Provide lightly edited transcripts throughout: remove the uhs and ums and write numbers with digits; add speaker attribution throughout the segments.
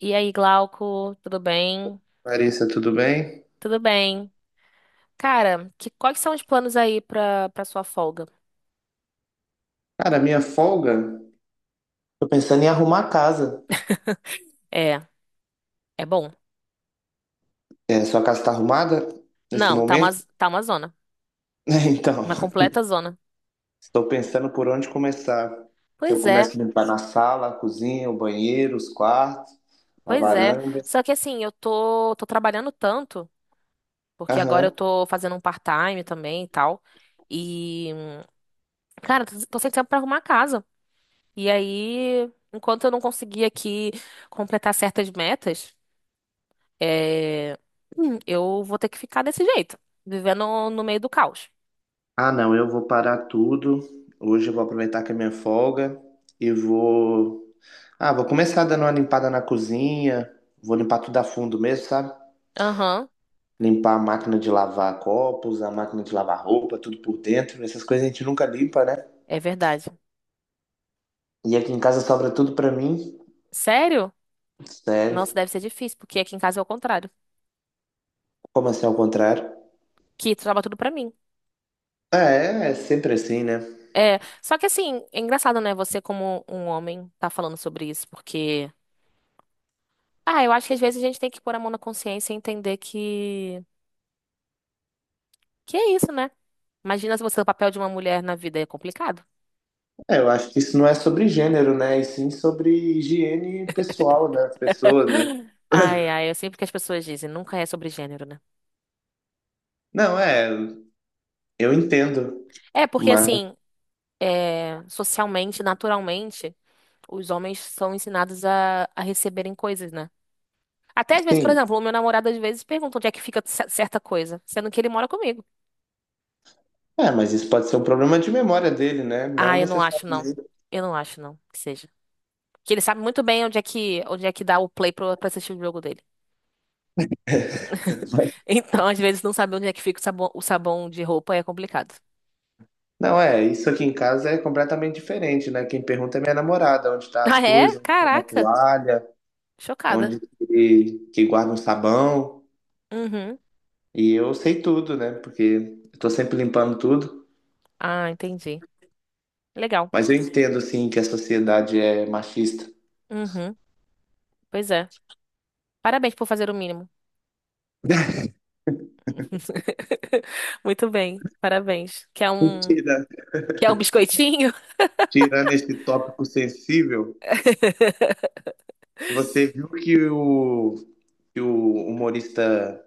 Speaker 1: E aí, Glauco, tudo bem?
Speaker 2: Larissa, tudo bem?
Speaker 1: Tudo bem. Cara, quais são os planos aí pra sua folga?
Speaker 2: Cara, minha folga, tô pensando em arrumar a casa.
Speaker 1: É, é bom.
Speaker 2: É, sua casa tá arrumada nesse
Speaker 1: Não,
Speaker 2: momento?
Speaker 1: tá uma zona.
Speaker 2: Então,
Speaker 1: Uma completa zona.
Speaker 2: estou pensando por onde começar. Se eu
Speaker 1: Pois é,
Speaker 2: começo a limpar na sala, a cozinha, o banheiro, os quartos, a
Speaker 1: pois é.
Speaker 2: varanda.
Speaker 1: Só que assim, tô trabalhando tanto, porque agora eu
Speaker 2: Aham.
Speaker 1: tô fazendo um part-time também e tal. E, cara, tô sem tempo pra arrumar a casa. E aí, enquanto eu não conseguir aqui completar certas metas. É, eu vou ter que ficar desse jeito, vivendo no meio do caos.
Speaker 2: Ah, não, eu vou parar tudo. Hoje eu vou aproveitar que é minha folga e vou. Ah, vou começar dando uma limpada na cozinha. Vou limpar tudo a fundo mesmo, sabe?
Speaker 1: Aham,
Speaker 2: Limpar a máquina de lavar copos, a máquina de lavar roupa, tudo por dentro. Essas coisas a gente nunca limpa, né?
Speaker 1: é verdade.
Speaker 2: E aqui em casa sobra tudo pra mim.
Speaker 1: Sério? Nossa,
Speaker 2: Sério.
Speaker 1: deve ser difícil, porque aqui em casa é o contrário.
Speaker 2: Como assim ao contrário?
Speaker 1: Que trava tudo pra mim.
Speaker 2: É, é sempre assim, né?
Speaker 1: É, só que assim, é engraçado, né? Você, como um homem, tá falando sobre isso, porque. Ah, eu acho que às vezes a gente tem que pôr a mão na consciência e entender que. Que é isso, né? Imagina se você é o papel de uma mulher na vida é complicado.
Speaker 2: É, eu acho que isso não é sobre gênero, né? E sim sobre higiene pessoal, né? As pessoas, né?
Speaker 1: Eu sempre que as pessoas dizem, nunca é sobre gênero, né?
Speaker 2: Não, é, eu entendo.
Speaker 1: É, porque
Speaker 2: Mas,
Speaker 1: assim, é, socialmente, naturalmente. Os homens são ensinados a receberem coisas, né? Até às vezes, por
Speaker 2: sim.
Speaker 1: exemplo, o meu namorado às vezes pergunta onde é que fica certa coisa, sendo que ele mora comigo.
Speaker 2: É, mas isso pode ser um problema de memória dele, né? Não
Speaker 1: Ah, eu não acho, não.
Speaker 2: necessariamente.
Speaker 1: Eu não acho, não, que seja. Que ele sabe muito bem onde é que dá o play pra assistir o jogo dele. Então, às vezes, não saber onde é que fica o sabão de roupa é complicado.
Speaker 2: Não, é, isso aqui em casa é completamente diferente, né? Quem pergunta é minha namorada, onde tá as
Speaker 1: Ah, é?
Speaker 2: coisas, onde tá uma
Speaker 1: Caraca.
Speaker 2: toalha,
Speaker 1: Chocada.
Speaker 2: onde que guarda um sabão.
Speaker 1: Uhum.
Speaker 2: E eu sei tudo, né? Porque eu tô sempre limpando tudo.
Speaker 1: Ah, entendi. Legal.
Speaker 2: Mas eu entendo, assim, que a sociedade é machista.
Speaker 1: Uhum. Pois é. Parabéns por fazer o mínimo. Muito bem. Parabéns.
Speaker 2: Mentira.
Speaker 1: Que é um biscoitinho?
Speaker 2: Tirando esse tópico sensível, você viu que o humorista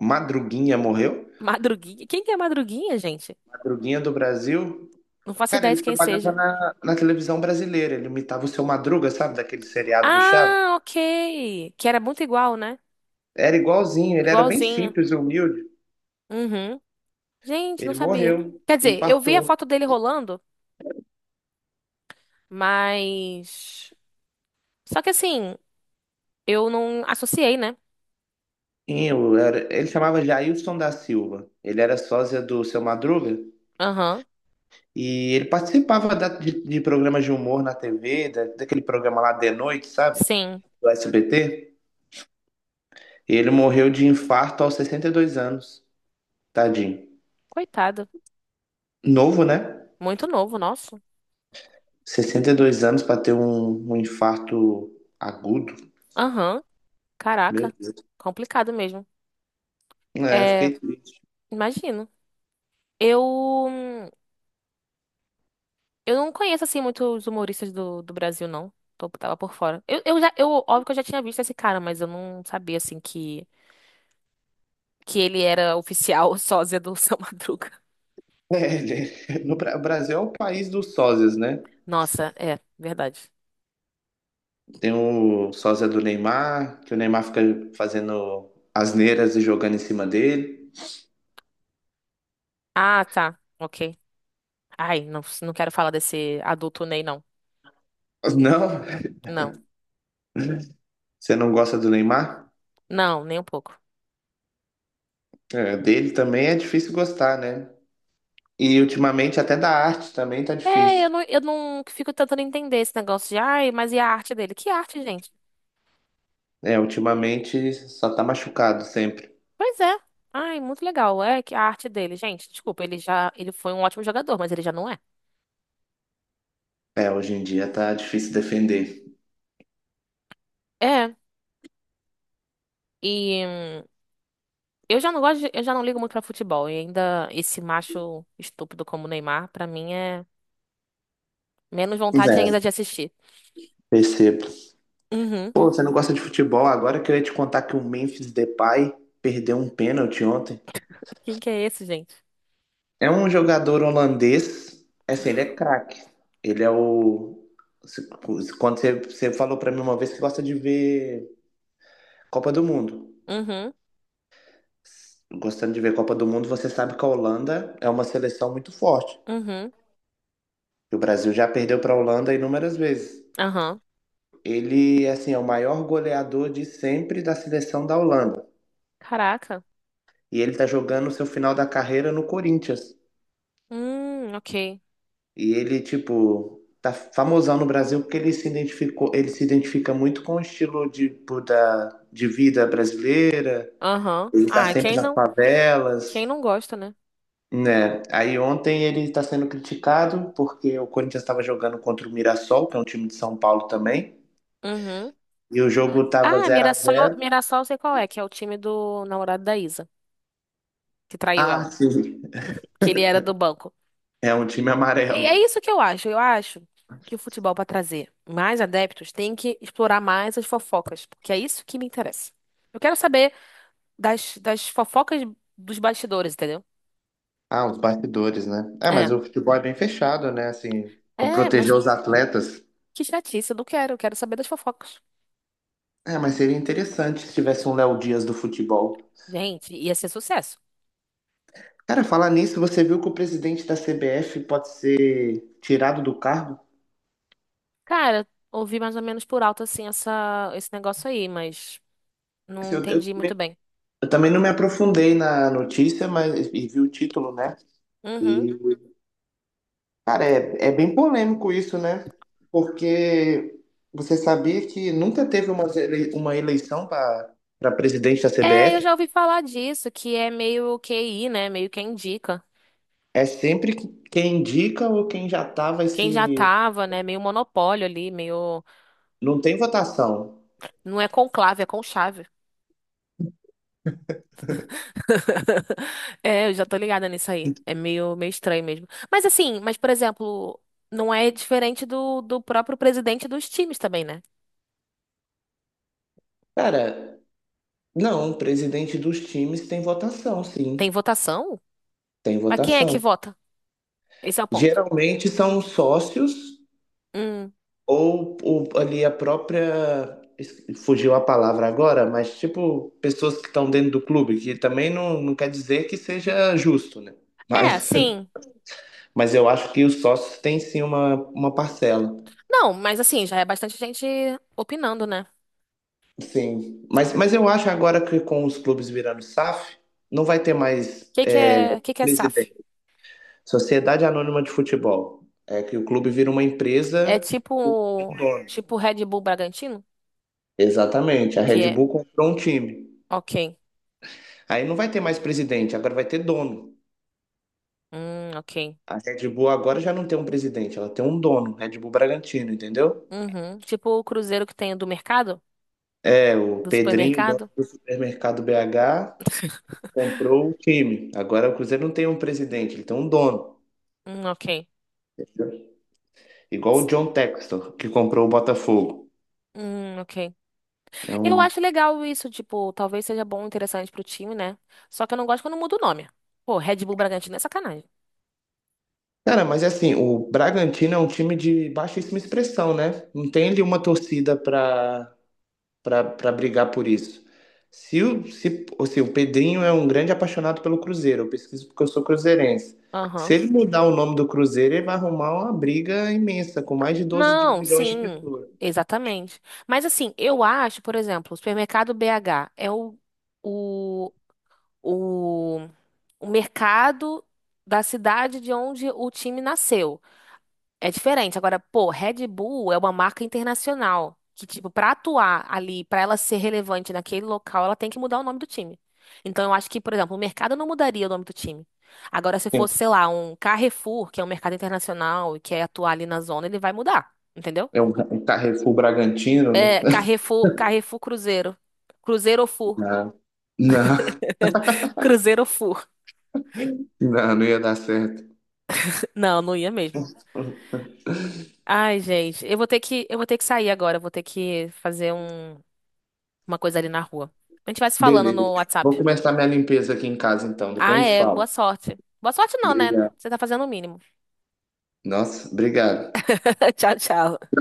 Speaker 2: Madruguinha morreu?
Speaker 1: Madruguinha? Quem que é Madruguinha, gente?
Speaker 2: Madruguinha do Brasil.
Speaker 1: Não faço
Speaker 2: Cara,
Speaker 1: ideia de
Speaker 2: ele
Speaker 1: quem
Speaker 2: trabalhava
Speaker 1: seja.
Speaker 2: na televisão brasileira, ele imitava o Seu Madruga, sabe, daquele seriado do Chaves?
Speaker 1: Ah, ok. Que era muito igual, né?
Speaker 2: Era igualzinho, ele era bem
Speaker 1: Igualzinho.
Speaker 2: simples e humilde.
Speaker 1: Uhum. Gente, não
Speaker 2: Ele
Speaker 1: sabia.
Speaker 2: morreu,
Speaker 1: Quer dizer, eu vi a
Speaker 2: infartou.
Speaker 1: foto dele rolando, mas. Só que assim, eu não associei, né?
Speaker 2: E ele chamava Jailson da Silva, ele era sósia do Seu Madruga
Speaker 1: Aham.
Speaker 2: e ele participava de programas de humor na TV, daquele programa lá de noite, sabe,
Speaker 1: Sim.
Speaker 2: do SBT. E ele morreu de infarto aos 62 anos, tadinho.
Speaker 1: Coitado.
Speaker 2: Novo, né?
Speaker 1: Muito novo, nosso.
Speaker 2: 62 anos para ter um infarto agudo.
Speaker 1: Aham.
Speaker 2: Meu
Speaker 1: Caraca.
Speaker 2: Deus.
Speaker 1: Complicado mesmo.
Speaker 2: É,
Speaker 1: É,
Speaker 2: fiquei triste.
Speaker 1: imagino. Eu. Eu não conheço, assim, muitos humoristas do Brasil, não. Tô, tava por fora. Óbvio que eu já tinha visto esse cara, mas eu não sabia, assim, que ele era oficial sósia do São Madruga.
Speaker 2: É, no Bra- o Brasil é o país dos sósias, né?
Speaker 1: Nossa, é, verdade.
Speaker 2: Tem o sósia do Neymar, que o Neymar fica fazendo asneiras e jogando em cima dele.
Speaker 1: Ah, tá. Ok. Ai, não, não quero falar desse adulto Ney, não.
Speaker 2: Não,
Speaker 1: Não.
Speaker 2: você não gosta do Neymar?
Speaker 1: Não, nem um pouco.
Speaker 2: É, dele também é difícil gostar, né? E ultimamente até da arte também tá
Speaker 1: É,
Speaker 2: difícil.
Speaker 1: eu não fico tentando entender esse negócio de, ai, mas e a arte dele? Que arte, gente?
Speaker 2: É, ultimamente só tá machucado sempre.
Speaker 1: Pois é. Ai, muito legal. É que a arte dele, gente, desculpa, ele foi um ótimo jogador, mas ele já não é.
Speaker 2: É, hoje em dia tá difícil defender.
Speaker 1: É. E eu já não ligo muito pra futebol. E ainda esse macho estúpido como o Neymar, pra mim é menos vontade ainda
Speaker 2: É,
Speaker 1: de assistir.
Speaker 2: percebo.
Speaker 1: Uhum.
Speaker 2: Pô, você não gosta de futebol? Agora eu queria te contar que o Memphis Depay perdeu um pênalti ontem.
Speaker 1: Quem que é esse, gente?
Speaker 2: É um jogador holandês, é assim, ele é craque. Ele é o. se- Quando você falou pra mim uma vez que gosta de ver Copa do Mundo.
Speaker 1: Uhum,
Speaker 2: Gostando de ver Copa do Mundo, você sabe que a Holanda é uma seleção muito forte.
Speaker 1: uhum,
Speaker 2: E o Brasil já perdeu pra Holanda inúmeras vezes.
Speaker 1: aham.
Speaker 2: Ele, assim, é o maior goleador de sempre da seleção da Holanda.
Speaker 1: Caraca.
Speaker 2: E ele tá jogando o seu final da carreira no Corinthians.
Speaker 1: Ok.
Speaker 2: E ele, tipo, tá famosão no Brasil porque ele se identificou, ele se identifica muito com o estilo de, tipo, de vida brasileira,
Speaker 1: Aham.
Speaker 2: ele tá sempre nas
Speaker 1: Quem
Speaker 2: favelas,
Speaker 1: não gosta, né?
Speaker 2: né? Aí ontem ele está sendo criticado porque o Corinthians estava jogando contra o Mirassol, que é um time de São Paulo também,
Speaker 1: Uhum.
Speaker 2: e o jogo tava
Speaker 1: Ah,
Speaker 2: zero a zero.
Speaker 1: Mirassol, eu sei qual é, que é o time do namorado da Isa, que traiu ela.
Speaker 2: Ah, sim,
Speaker 1: Que ele era do banco.
Speaker 2: é um time
Speaker 1: É
Speaker 2: amarelo.
Speaker 1: isso que eu acho. Eu acho que o futebol, para trazer mais adeptos, tem que explorar mais as fofocas, porque é isso que me interessa. Eu quero saber das fofocas dos bastidores, entendeu?
Speaker 2: Ah, os bastidores, né? É,
Speaker 1: É.
Speaker 2: mas o futebol é bem fechado, né? Assim, pra
Speaker 1: É, mas
Speaker 2: proteger os atletas.
Speaker 1: que chatice, eu não quero. Eu quero saber das fofocas.
Speaker 2: É, mas seria interessante se tivesse um Léo Dias do futebol.
Speaker 1: Gente, ia ser sucesso.
Speaker 2: Cara, falar nisso, você viu que o presidente da CBF pode ser tirado do cargo?
Speaker 1: Cara, ouvi mais ou menos por alto, assim, esse negócio aí, mas
Speaker 2: Assim,
Speaker 1: não
Speaker 2: eu
Speaker 1: entendi muito
Speaker 2: também,
Speaker 1: bem.
Speaker 2: eu também não me aprofundei na notícia, mas e vi o título, né?
Speaker 1: Uhum.
Speaker 2: E, cara, é bem polêmico isso, né? Porque você sabia que nunca teve uma eleição para presidente da
Speaker 1: É, eu
Speaker 2: CBF?
Speaker 1: já ouvi falar disso, que é meio QI, né? Meio quem indica.
Speaker 2: É sempre quem indica ou quem já tá vai
Speaker 1: Quem já
Speaker 2: se.
Speaker 1: tava, né? Meio monopólio ali, meio.
Speaker 2: Não tem votação.
Speaker 1: Não é conclave, é conchave. É, eu já tô ligada nisso aí. É meio estranho mesmo. Mas assim, mas por exemplo, não é diferente do próprio presidente dos times também, né?
Speaker 2: Cara, não, um presidente dos times tem votação,
Speaker 1: Tem
Speaker 2: sim,
Speaker 1: votação?
Speaker 2: tem
Speaker 1: Mas quem é que
Speaker 2: votação.
Speaker 1: vota? Esse é o ponto.
Speaker 2: Geralmente são os sócios
Speaker 1: Hum.
Speaker 2: ou ali a própria. Fugiu a palavra agora, mas tipo, pessoas que estão dentro do clube, que também não quer dizer que seja justo, né?
Speaker 1: É,
Speaker 2: Mas,
Speaker 1: sim.
Speaker 2: mas eu acho que os sócios têm sim uma parcela.
Speaker 1: Não, mas assim, já é bastante gente opinando, né? O
Speaker 2: Sim. Mas eu acho agora que com os clubes virando SAF, não vai ter mais
Speaker 1: que que é SAF?
Speaker 2: presidente. Sociedade Anônima de Futebol. É que o clube vira uma
Speaker 1: É
Speaker 2: empresa com
Speaker 1: tipo,
Speaker 2: um dono.
Speaker 1: tipo Red Bull Bragantino?
Speaker 2: Exatamente. A
Speaker 1: Que
Speaker 2: Red
Speaker 1: é,
Speaker 2: Bull comprou um time.
Speaker 1: ok.
Speaker 2: Aí não vai ter mais presidente, agora vai ter dono.
Speaker 1: Ok.
Speaker 2: A Red Bull agora já não tem um presidente, ela tem um dono, Red Bull Bragantino, entendeu?
Speaker 1: Uhum. Tipo o Cruzeiro que tem do mercado?
Speaker 2: É, o
Speaker 1: Do
Speaker 2: Pedrinho, dono
Speaker 1: supermercado?
Speaker 2: do supermercado BH, comprou o time. Agora o Cruzeiro não tem um presidente, ele tem um dono.
Speaker 1: Ok.
Speaker 2: Igual o John Textor, que comprou o Botafogo.
Speaker 1: Ok.
Speaker 2: É
Speaker 1: Eu
Speaker 2: um
Speaker 1: acho legal isso, tipo, talvez seja bom, interessante pro time, né? Só que eu não gosto quando muda o nome. Pô, Red Bull Bragantino é sacanagem.
Speaker 2: Cara, mas é assim, o Bragantino é um time de baixíssima expressão, né? Não tem ali uma torcida pra para brigar por isso. Se o, se, ou seja, o Pedrinho é um grande apaixonado pelo Cruzeiro, eu pesquiso porque eu sou cruzeirense. Se
Speaker 1: Aham.
Speaker 2: ele mudar o nome do Cruzeiro, ele vai arrumar uma briga imensa, com mais de 12
Speaker 1: Não,
Speaker 2: milhões de
Speaker 1: sim,
Speaker 2: pessoas.
Speaker 1: exatamente. Mas assim, eu acho, por exemplo, o supermercado BH é o, o, o mercado da cidade de onde o time nasceu. É diferente. Agora, pô, Red Bull é uma marca internacional que, tipo, pra atuar ali, pra ela ser relevante naquele local, ela tem que mudar o nome do time. Então, eu acho que, por exemplo, o mercado não mudaria o nome do time. Agora, se fosse, sei lá, um Carrefour, que é um mercado internacional e quer atuar ali na zona, ele vai mudar, entendeu?
Speaker 2: É um Carrefour Bragantino, né?
Speaker 1: É, Carrefour Cruzeiro. Cruzeiro ou Fur.
Speaker 2: Não, não,
Speaker 1: Cruzeiro ou Fur.
Speaker 2: não, não ia dar certo.
Speaker 1: Não, não ia mesmo. Ai, gente, eu vou ter que sair agora, eu vou ter que fazer uma coisa ali na rua. A gente vai se falando
Speaker 2: Beleza.
Speaker 1: no
Speaker 2: Vou
Speaker 1: WhatsApp.
Speaker 2: começar minha limpeza aqui em casa, então.
Speaker 1: Ah,
Speaker 2: Depois a gente
Speaker 1: é. Boa
Speaker 2: fala.
Speaker 1: sorte. Boa sorte não, né?
Speaker 2: Obrigado.
Speaker 1: Você tá fazendo o mínimo.
Speaker 2: Nossa, obrigado.
Speaker 1: Tchau, tchau.